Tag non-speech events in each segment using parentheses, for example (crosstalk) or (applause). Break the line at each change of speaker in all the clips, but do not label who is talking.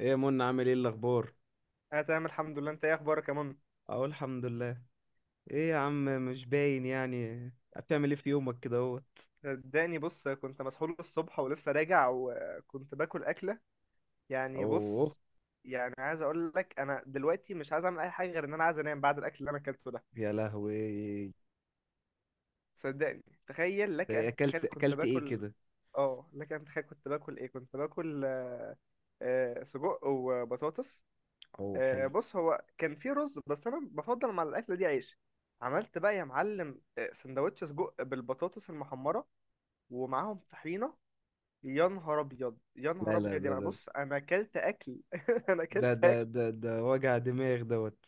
ايه يا منى عامل ايه الاخبار؟
انا تمام الحمد لله. انت ايه اخبارك يا منى؟
اقول الحمد لله. ايه يا عم مش باين يعني. بتعمل ايه في يومك كده اهو؟
صدقني بص كنت مسحول الصبح ولسه راجع وكنت باكل اكله. يعني
اوه.
بص. يعني عايز اقول لك انا دلوقتي مش عايز اعمل اي حاجه غير ان انا عايز انام بعد الاكل اللي انا اكلته ده.
يا لهوي.
صدقني تخيل
ده
لك
ايه،
ان
اكلت
تتخيل كنت
اكلت ايه
باكل.
كده؟
اه، لك ان تتخيل كنت باكل ايه كنت باكل. سجق وبطاطس.
اوه، حلو.
بص هو كان في رز بس انا بفضل مع الاكله دي عيش. عملت بقى يا معلم سندوتش سجق بالبطاطس المحمره ومعاهم طحينه. يا نهار ابيض يا نهار
لا لا،
ابيض،
ده
يعني
ده
بص انا اكلت اكل (laughs) انا
ده
اكلت
ده
اكل.
ده, ده وجع دماغ دوت.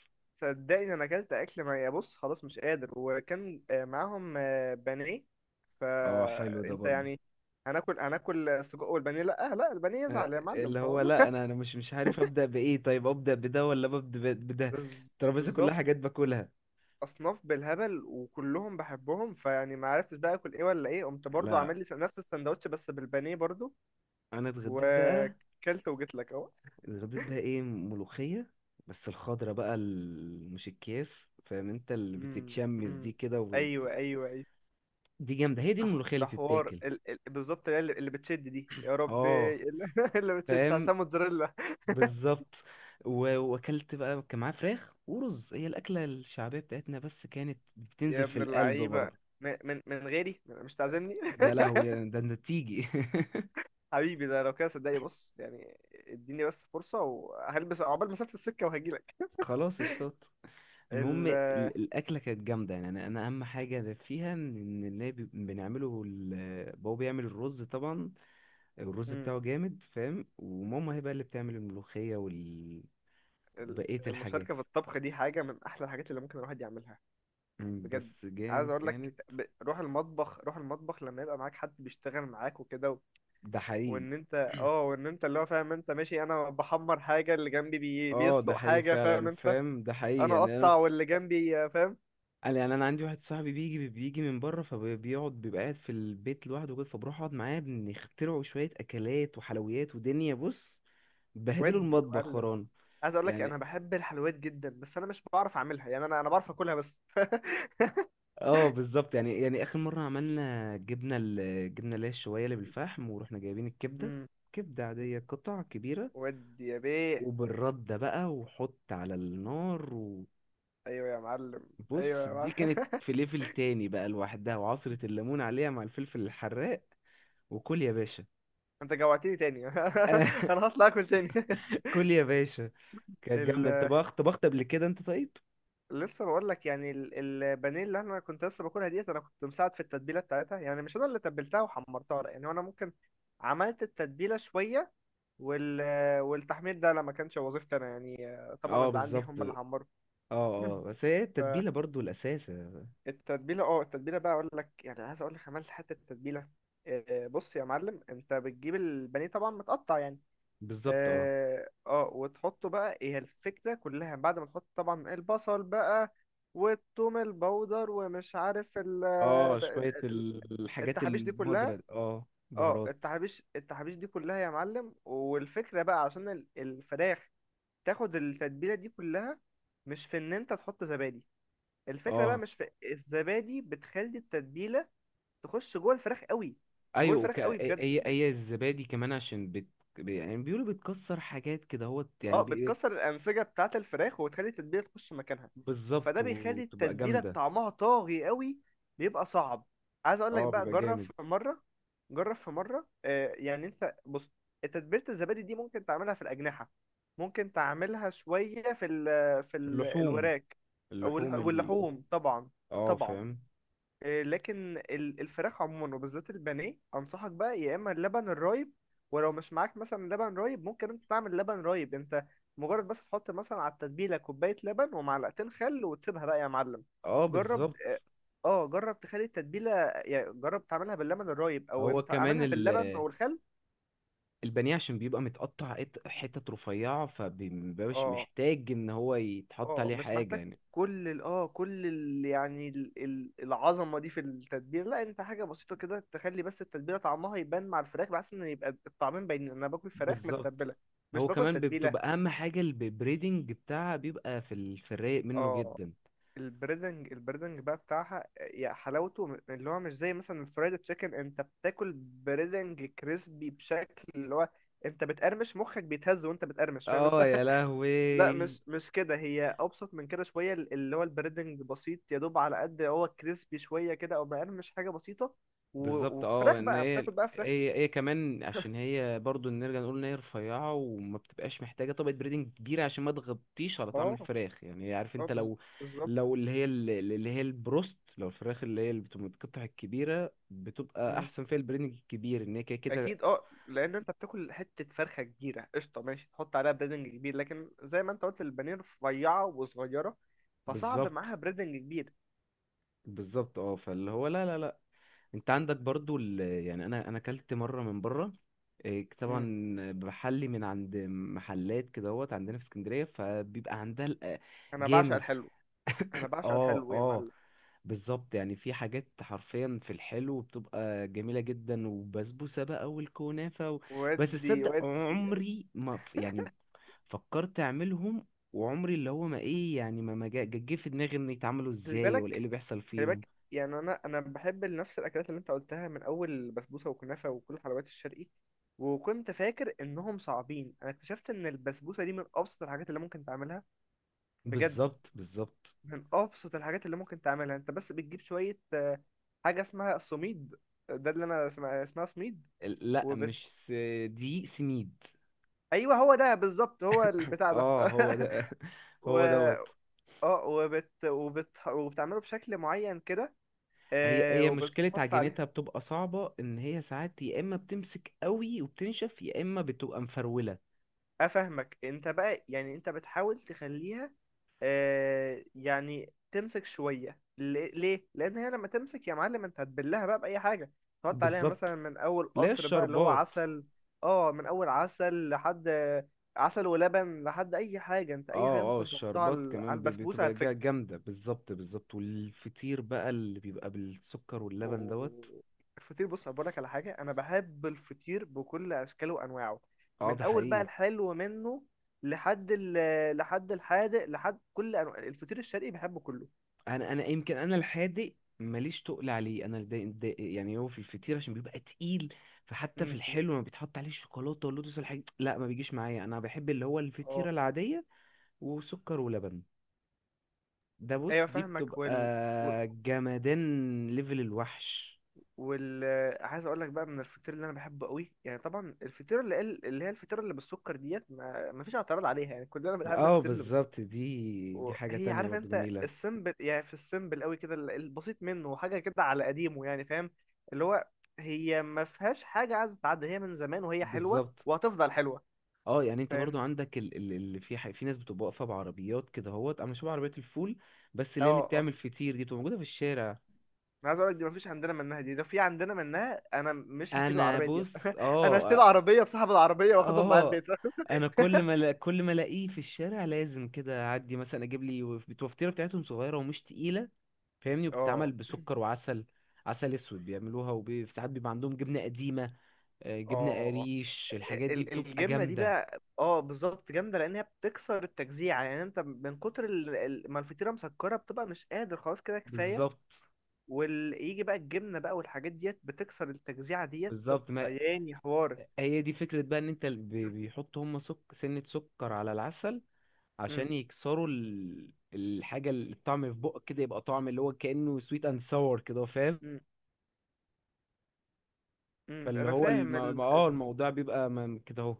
صدقني انا اكلت اكل ما يا بص خلاص مش قادر، وكان معاهم بانيه.
اه حلو ده
فانت
برضه.
يعني هناكل هناكل السجق والبانيه، لا لا البانيه
آه،
يزعل يا معلم
اللي هو
فاهم.
لا انا مش عارف ابدا بايه، طيب ابدا بده ولا ببدا
(laughs)
بده.
بز-
الترابيزه كلها
بالظبط.
حاجات باكلها.
اصناف بالهبل وكلهم بحبهم فيعني ما عرفتش بقى اكل ايه ولا ايه، قمت برضو
لا،
عامل لي نفس السندوتش بس بالبانيه برضو.
انا اتغديت بقى.
وكلت وجيت لك اهو.
الغديت بقى ايه؟ ملوخية. بس الخضرة بقى مش الكياس. فاهم انت اللي
أمم.
بتتشمس
أمم.
دي كده
ايوه ايوه ايوه.
دي جامدة، هي دي
ده
الملوخية اللي
ده حوار
تتاكل.
بالظبط اللي بتشد دي يا ربي.
اه،
(laughs) اللي بتشد بتاع
فاهم.
موتزاريلا.
بالظبط. واكلت بقى، كان معاه فراخ ورز، هي الاكلة الشعبية بتاعتنا بس كانت
يا
بتنزل في
ابن
القلب
اللعيبه،
برضه.
من غيري مش تعزمني.
يا
(laughs)
لهوي، ده انت تيجي. (laughs)
حبيبي ده لو كده صدقني بص، يعني اديني بس فرصه وهلبس عقبال مسافه السكه وهجيلك.
خلاص، اشطات. المهم
ال...
الاكله كانت جامده، يعني انا اهم حاجه فيها ان اللي بنعمله بابا بيعمل الرز طبعا. الرز
مم.
بتاعه جامد، فاهم، وماما هي بقى اللي بتعمل الملوخية وبقية
ال...
الحاجات.
المشاركه في الطبخ دي حاجه من احلى الحاجات اللي ممكن الواحد يعملها. بجد.
بس
عايز
جا
اقول
كانت.
لك روح المطبخ روح المطبخ لما يبقى معاك حد بيشتغل معاك وكده.
ده حقيقي.
وان انت. اه وان انت اللي هو فاهم انت، ماشي انا بحمر حاجه، اللي جنبي
اه، ده
بيسلق
حقيقي
حاجه، فاهم
فعلا،
انت.
فاهم، ده حقيقي،
انا
يعني انا.
اقطع واللي جنبي فاهم.
يعني انا عندي واحد صاحبي بيجي من بره، فبيقعد بيبقى قاعد في البيت لوحده كده، فبروح اقعد معاه، بنخترعوا شوية اكلات وحلويات ودنيا، بص. بهدلوا
ودي يا
المطبخ
معلم.
خران.
عايز اقول لك انا
يعني
بحب الحلويات جدا بس انا مش بعرف اعملها، يعني انا بعرف اكلها بس. (laughs)
اه بالظبط، يعني اخر مرة عملنا جبنة، الجبنة اللي هي الشوية اللي بالفحم، ورحنا جايبين الكبدة.
امم.
كبدة عادية، قطع كبيرة.
ودي يا بيه.
وبالردة بقى، وحط على النار.
ايوه يا معلم.
وبص،
ايوه يا
دي
معلم.
كانت في ليفل تاني بقى لوحدها، وعصرة
(laughs)
الليمون عليها مع الفلفل الحراق. وكل يا باشا.
انت جوعتني تاني (laughs)
(laughs)
انا هطلع اكل تاني.
كل يا باشا. كانت جامدة، انت
(laughs)
بقى طبخت قبل كده انت طيب؟
لسه بقول لك، يعني البانيه اللي انا كنت لسه باكلها ديت انا كنت مساعد في التتبيله بتاعتها، يعني مش انا اللي تبلتها وحمرتها، لا يعني انا ممكن عملت التتبيله شويه، وال والتحمير ده لما كانش وظيفتي انا يعني. طبعا
اه
اللي عندي
بالظبط،
هم
اه.
اللي حمروا.
اه،
(clears throat)
بس هي التتبيلة برضو الأساس.
التتبيله، اه التتبيله بقى اقول لك، يعني عايز اقول لك عملت حته تتبيله. بص يا معلم، انت بتجيب البانيه طبعا متقطع يعني.
بالظبط، اه.
اه وتحطه بقى، هي الفكرة كلها، بعد ما تحط طبعا البصل بقى والثوم البودر ومش عارف
اه، شوية
ال-
الحاجات
التحابيش دي كلها.
البودرة، اه،
اه
بهارات.
التحابيش دي كلها يا معلم، والفكرة بقى عشان الفراخ تاخد التتبيلة دي كلها، مش في ان انت تحط زبادي، الفكرة بقى
اه،
مش في الزبادي، بتخلي التتبيلة تخش جوه الفراخ قوي. جوه
ايوه،
الفراخ قوي بجد.
هي الزبادي كمان عشان يعني بيقولوا بتكسر حاجات كده هو يعني.
اه بتكسر الانسجه بتاعه الفراخ وتخلي التتبيله تخش مكانها. فده
بالظبط،
بيخلي
وتبقى
التتبيله
جامدة.
طعمها طاغي قوي، بيبقى صعب. عايز اقول لك
اه،
بقى
بيبقى
جرب
جامد.
في مره. جرب في مره آه، يعني انت بص تتبيله الزبادي دي ممكن تعملها في الاجنحه، ممكن تعملها شويه في ال في
في
ال
اللحوم.
الوراك،
اللحوم
واللحوم طبعا.
اه،
طبعا.
فاهم،
لكن الفراخ عموما وبالذات البانيه انصحك بقى يا اما اللبن الرايب. ولو مش معاك مثلا لبن رايب، ممكن انت تعمل لبن رايب انت، مجرد بس تحط مثلا على التتبيله كوبايه لبن ومعلقتين خل وتسيبها بقى يا معلم.
اه،
جرب.
بالظبط.
اه جرب تخلي التتبيله، يعني جرب تعملها باللبن الرايب او
هو
انت
كمان
اعملها باللبن والخل.
البانيه عشان بيبقى متقطع، حتت رفيعة، فمبيبقاش
اه
محتاج ان هو يتحط
اه
عليه
مش
حاجة
محتاج.
يعني.
كل ال يعني ال العظمه دي في التتبيله، لا انت حاجه بسيطه كده تخلي بس التتبيله طعمها يبان مع الفراخ بحيث ان يبقى الطعمين باينين، انا باكل فراخ
بالظبط.
متبله مش
هو
باكل
كمان
تتبيله.
بتبقى اهم حاجة البريدنج بتاعها، بيبقى في في الرايق منه
اه
جدا.
البريدنج، البريدنج بقى بتاعها، يا حلاوته، اللي هو مش زي مثلا الفرايد تشيكن، انت بتاكل بريدنج كريسبي بشكل اللي هو انت بتقرمش، مخك بيتهز وانت بتقرمش، فاهم
اه،
انت.
يا
لا
لهوي.
مش كده، هي ابسط من كده شويه، اللي هو البريدنج بسيط، يا دوب على قد هو كريسبي شويه كده او مقرمش حاجه بسيطه. و...
بالظبط، اه،
وفراخ
ان
بقى
هي
بتاكل بقى فراخ.
هي هي كمان عشان هي برضو نرجع نقول ان هي رفيعه وما بتبقاش محتاجه طبقه بريدنج كبيره، عشان ما تغطيش على طعم
اه
الفراخ، يعني عارف
اه
انت لو
بالظبط.
لو اللي هي اللي هي البروست، لو الفراخ اللي هي اللي بتبقى متقطع الكبيره بتبقى
مم.
احسن فيها البريدنج الكبير، ان هي كده كده.
اكيد اه، لان انت بتاكل حته فرخه كبيره قشطه، ماشي تحط عليها بريدنج كبير، لكن زي ما انت قلت البانيه رفيعه وصغيره، فصعب
بالظبط،
معاها بريدنج كبير.
بالظبط. اه، فاللي هو لا لا لا. انت عندك برضو يعني انا اكلت مره من بره. إيه، طبعا.
مم.
بحلي من عند محلات كدهوت عندنا في اسكندريه، فبيبقى عندها
انا بعشق
جامد.
الحلو. انا بعشق
اه،
الحلو يا
اه،
معلم.
بالظبط. يعني في حاجات حرفيا في الحلو بتبقى جميله جدا، وبسبوسه بقى والكنافه بس
ودي
تصدق
ودي.
عمري ما يعني فكرت اعملهم. وعمري اللي هو ما ايه يعني، ما جه في دماغي ان يتعملوا
خلي
ازاي ولا ايه
بالك،
اللي بيحصل
خلي
فيهم.
بالك يعني انا بحب نفس الاكلات اللي انت قلتها من اول بسبوسه وكنافه وكل الحلويات الشرقي، وكنت فاكر انهم صعبين، انا اكتشفت ان البسبوسه دي من ابسط الحاجات اللي ممكن تعملها. بجد
بالظبط، بالظبط.
من ابسط الحاجات اللي ممكن تعملها، انت بس بتجيب شويه حاجه اسمها السميد، ده اللي انا اسمها اسمها سميد،
لا،
وبت
مش س... دقيق سميد.
ايوه هو ده بالظبط هو البتاع ده.
اه، هو
(laughs)
ده، (laughs)
و
هو دوت.
اه وبتعمله بشكل معين كده،
هي هي مشكلة
وبتحط عليه.
عجينتها بتبقى صعبة، ان هي ساعات يا اما بتمسك قوي وبتنشف، يا اما بتبقى مفرولة.
افهمك انت بقى، يعني انت بتحاول تخليها آه، يعني تمسك شويه، ليه لان هي لما تمسك يا معلم انت هتبلها بقى باي حاجه، تحط عليها مثلا
بالظبط.
من اول
لا،
قطر بقى اللي هو
الشربات.
عسل. اه من اول عسل لحد، عسل ولبن لحد اي حاجه، انت اي حاجه
اه، اه،
ممكن تحطها
الشربات
على على
كمان
البسبوسه
بتبقى
هتفك.
جامدة، بالظبط، بالظبط. والفطير بقى اللي بيبقى بالسكر واللبن دوت.
و- الفطير، بص أقول لك على حاجة، أنا بحب الفطير بكل أشكاله وأنواعه،
اه،
من
ده
أول بقى
حقيقي.
الحلو منه لحد لحد الحادق، لحد كل أنواع الفطير الشرقي بحبه كله.
انا يمكن انا الحادق. ماليش تقل عليه، انا يعني هو في الفطير عشان بيبقى تقيل. فحتى في
امم.
الحلو لما بيتحط عليه الشوكولاته واللوتس والحاجات، لا، ما بيجيش معايا، انا بحب اللي هو
اه
الفطيره العاديه. وسكر ولبن. ده
ايوه
بص، دي
فاهمك.
بتبقى
وال و-
جمدان ليفل الوحش.
وال عايز اقول لك بقى من الفطير اللي انا بحبه قوي، يعني طبعا الفطير اللي اللي هي الفطيره اللي بالسكر ديت ما ما فيش اعتراض عليها، يعني كلنا بنحب
اه،
الفطير اللي.
بالظبط، دي حاجه
وهي
تانية
عارف
برضو
انت
جميله.
السيمبل، يعني في السيمبل قوي كده البسيط منه، حاجه كده على قديمه يعني فاهم، اللي هو هي ما فيهاش حاجه عايزه تتعدى، هي من زمان وهي حلوه
بالظبط،
وهتفضل حلوه.
اه، يعني انت برضو
فاهم.
عندك اللي في في ناس بتبقى واقفه بعربيات كده اهوت، انا شبه عربيات الفول. بس
اه
اللي هي اللي
اه
بتعمل فطير دي بتبقى موجوده في الشارع.
انا عايز اقول لك دي ما فيش عندنا منها، دي لو في عندنا منها انا مش هسيب
انا،
العربيه دي.
بص،
(laughs) انا هشتري
اه.
عربيه بصاحب العربيه واخدهم معايا
اه،
البيت. (laughs)
انا كل ما كل ما الاقيه في الشارع لازم كده اعدي مثلا اجيب لي، الوفطيره بتاعتهم صغيره ومش تقيله. فاهمني،
اه
وبتتعمل بسكر وعسل. عسل اسود بيعملوها، وساعات بيبقى عندهم جبنه قديمه، جبنه
اه
قريش، الحاجات دي بتبقى
الجبنه دي
جامده.
بقى اه بالظبط جامده، لان هي بتكسر التجزيع، يعني انت من كتر ما الفطيره مسكره، بتبقى مش قادر خلاص كده كفايه،
بالظبط،
ويجي بقى الجبنة بقى والحاجات ديت بتكسر التجزيعة ديت، بتبقى
بالظبط، ما
ياني حوار.
هي دي فكره بقى، ان انت بيحطوا هم سنه سكر على العسل
امم.
عشان يكسروا الحاجه، الطعم في بقك كده يبقى طعم اللي هو كانه سويت اند ساور كده.
امم.
فاللي
انا
هو
فاهم
اه، الموضوع بيبقى كده اهو.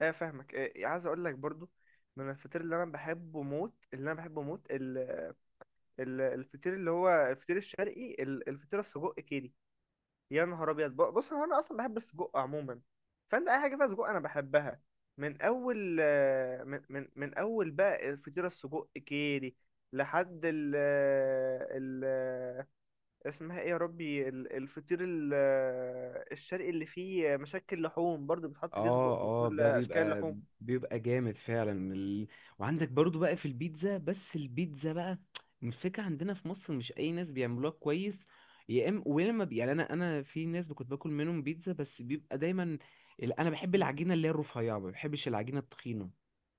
اه فاهمك. اه عايز اقول لك برضو، من الفطير اللي انا بحبه موت، اللي انا بحبه موت الفطير اللي هو الفطير الشرقي، الفطير السجق كيري. يا نهار ابيض، بص هو انا اصلا بحب السجق عموما، فانت اي حاجه فيها سجق انا بحبها. من اول من اول بقى الفطير السجق كيري لحد ال ال اسمها ايه يا ربي الفطير الشرقي اللي فيه مشكل لحوم، برضو بتحط فيه
اه،
سجق
اه،
وكل
ده
اشكال
بيبقى،
اللحوم.
بيبقى جامد فعلا وعندك برضو بقى في البيتزا، بس البيتزا بقى الفكرة عندنا في مصر مش اي ناس بيعملوها كويس. يا اما ويا اما يعني، انا في ناس كنت باكل منهم بيتزا، بس بيبقى دايما انا بحب
م-
العجينه اللي هي الرفيعه، ما بحبش العجينه التخينه.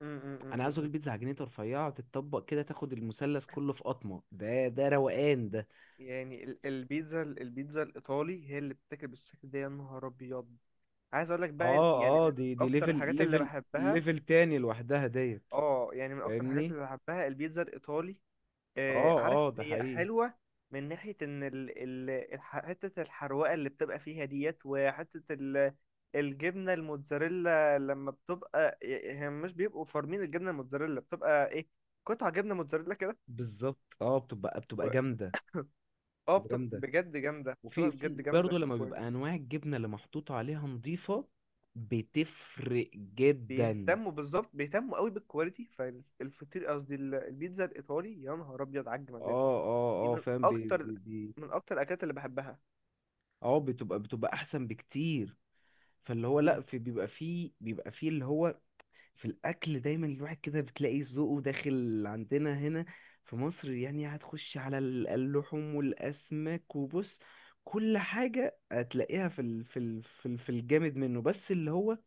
انا عايز اكل
م.
بيتزا عجينتها رفيعه، تتطبق كده تاخد المثلث كله في قطمه، ده روقان ده.
يعني البيتزا، البيتزا الايطالي هي اللي بتاكل بالشكل ده. يا نهار ابيض عايز اقول لك بقى يعني
اه، اه،
من
دي
اكتر
ليفل
الحاجات اللي
ليفل
بحبها.
ليفل تاني لوحدها ديت.
اه يعني من اكتر الحاجات
فاهمني.
اللي بحبها البيتزا الايطالي.
اه،
عارف
اه، ده
هي
حقيقي.
حلوة، من ناحية إن حتة الحروقة اللي بتبقى فيها ديت، وحتة الجبنة الموتزاريلا، لما بتبقى هي مش بيبقوا فارمين الجبنة الموتزاريلا، بتبقى إيه، قطع جبنة موتزاريلا كده.
بالظبط، اه، بتبقى
و...
جامده.
اه
بتبقى
بتبقى
جامده.
بجد جامدة،
وفي
بتبقى
في
بجد
برضه
جامدة.
لما بيبقى انواع الجبنه اللي محطوط عليها نظيفه، بتفرق جدا.
وبيهتموا بالظبط، بيهتموا قوي بالكواليتي. فالفطير قصدي البيتزا الإيطالي يا نهار أبيض على الجمدان.
اه، اه،
دي
اه،
من
فاهم، بي
أكتر،
بي بي
من أكتر الأكلات اللي بحبها.
اه، بتبقى احسن بكتير. فاللي هو
مم.
لا، في بيبقى فيه اللي هو في الاكل دايما الواحد كده بتلاقي ذوقه داخل عندنا هنا في مصر، يعني هتخش على اللحوم والاسماك، وبص كل حاجه هتلاقيها في ال في الجامد منه، بس اللي هو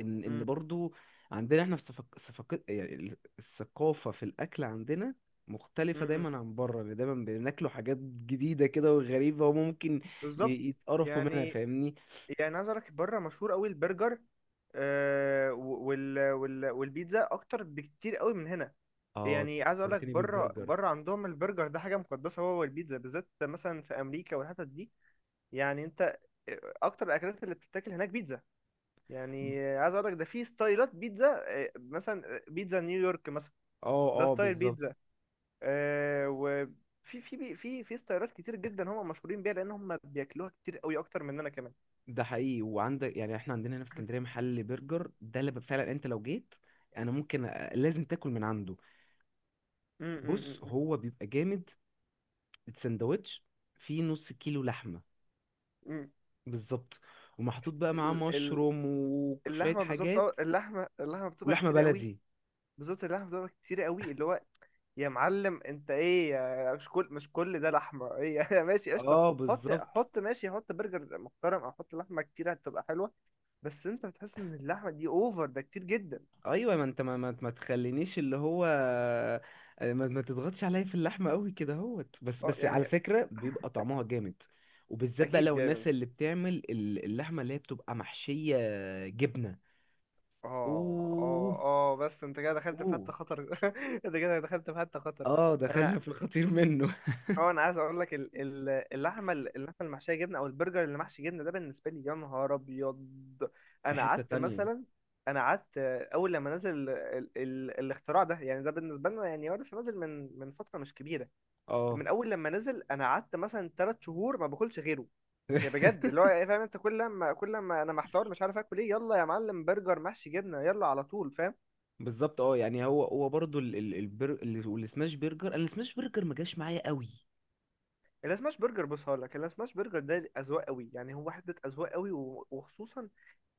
ان
مم.
برضو عندنا احنا في صفق صفق يعني الثقافه في الاكل عندنا مختلفة
مم.
دايما عن بره، يعني دايما بناكلوا حاجات جديدة كده وغريبة، وممكن
بالظبط.
يتقرفوا منها،
يعني،
فاهمني.
يعني عايز اقول لك بره مشهور قوي البرجر والبيتزا اكتر بكتير قوي من هنا.
اه، أنت
يعني عايز اقول لك
فكرتني
بره،
بالبرجر.
بره عندهم البرجر ده حاجه مقدسه، هو والبيتزا بالذات مثلا في امريكا والحتت دي. يعني انت اكتر الاكلات اللي بتتاكل هناك بيتزا. يعني عايز اقول لك ده في ستايلات بيتزا، مثلا بيتزا نيويورك مثلا،
اه،
ده
اه،
ستايل
بالظبط.
بيتزا، آه، وفي في ستايلات كتير جدا هم مشهورين بيها، لان هم بياكلوها كتير قوي اكتر مننا كمان.
ده حقيقي، وعندك يعني احنا عندنا هنا في اسكندريه محل برجر، ده اللي فعلا انت لو جيت انا ممكن لازم تاكل من عنده.
مم. مم.
بص،
مم.
هو بيبقى جامد، السندوتش فيه نص كيلو لحمه.
مم.
بالظبط. ومحطوط بقى معاه
ال- ال-
مشروم وشويه
اللحمه بالظبط، اه
حاجات.
اللحمه، اللحمه بتبقى
ولحمه
كتير قوي.
بلدي.
بالظبط اللحمه بتبقى كتير قوي اللي هو. يا معلم انت ايه مش كل مش كل ده لحمه ايه؟ (laughs) يا ماشي قشطه،
اه،
حط
بالظبط.
حط ماشي، حط برجر محترم او حط لحمه كتير هتبقى حلوه، بس انت بتحس ان اللحمه دي اوفر، ده كتير جدا.
ايوه، ما انت ما تخلينيش اللي هو، ما تضغطش عليا في اللحمه قوي كده اهوت، بس
اه
بس على
يعني
فكره بيبقى طعمها جامد. وبالذات بقى
اكيد
لو
جاي من.
الناس اللي بتعمل اللحمه اللي هي بتبقى محشيه جبنه.
اه
اوه،
اه اه بس انت كده دخلت في
اوه.
حته خطر. (laughs) انت كده دخلت في حته خطر.
اه،
انا
دخلنا في الخطير منه.
اه، انا عايز اقول لك اللحمه، اللحمه المحشيه جبنه، او البرجر اللي محشي جبنه، ده بالنسبه لي يا نهار ابيض.
(laughs) في
انا
حته
قعدت
تانية.
مثلا، انا قعدت اول لما نزل ال ال ال الاختراع ده، يعني ده بالنسبه لنا، يعني هو لسه نازل من فتره مش كبيره،
اه.
من اول لما نزل انا قعدت مثلا ثلاث شهور ما باكلش غيره. يا بجد اللي
(laughs)
هو إيه، فاهم انت، كل لما انا محتار مش عارف اكل ايه، يلا يا معلم برجر محشي جبنه يلا على طول فاهم.
بالظبط، اه، يعني هو برضو والسماش برجر، انا السماش برجر ما جاش معايا قوي.
السماش برجر بص هقول لك، السماش برجر ده اذواق قوي، يعني هو حته اذواق قوي، وخصوصا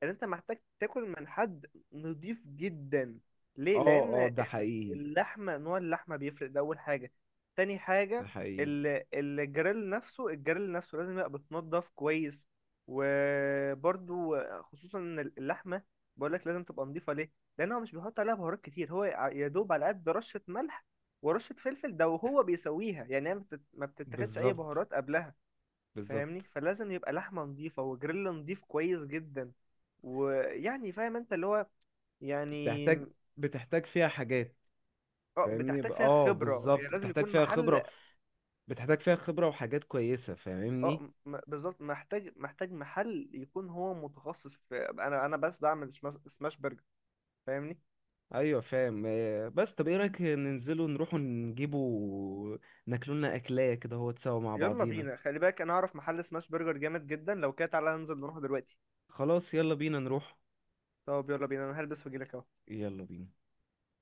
ان انت محتاج تاكل من حد نضيف جدا. ليه؟
اه،
لان
اه، ده حقيقي.
اللحمه، نوع اللحمه بيفرق، ده اول حاجه. تاني
ده
حاجه
حقيقي،
الجريل نفسه، الجريل نفسه لازم يبقى بتنضف كويس. وبرضو خصوصا ان اللحمه، بقول لك لازم تبقى نضيفه ليه، لان هو مش بيحط عليها بهارات كتير، هو يا دوب على قد رشه ملح ورشه فلفل ده وهو بيسويها، يعني هي ما بتتاخدش اي
بالظبط،
بهارات قبلها. فاهمني،
بالظبط.
فلازم يبقى لحمة نظيفة وجريل نظيف كويس جدا، ويعني فاهم انت اللي هو، يعني
بتحتاج، بتحتاج فيها حاجات.
اه
فاهمني،
بتحتاج فيها
اه،
خبرة، يعني
بالظبط،
لازم
بتحتاج
يكون
فيها
محل.
خبرة، بتحتاج فيها خبرة وحاجات كويسة، فاهمني.
اه بالظبط، محتاج محتاج محل يكون هو متخصص في، انا بس بعمل سماش سماش برجر، فاهمني.
ايوه، فاهم، بس طب ايه رأيك ننزلوا نروحوا نجيبوا ناكلولنا اكلاية كده هو تسوا مع
يلا
بعضينا؟
بينا، خلي بالك انا اعرف محل سماش برجر جامد جدا، لو كده تعالى ننزل نروح دلوقتي.
خلاص، يلا بينا نروح.
طب يلا بينا، انا هلبس واجيلك اهو.
يلا بينا.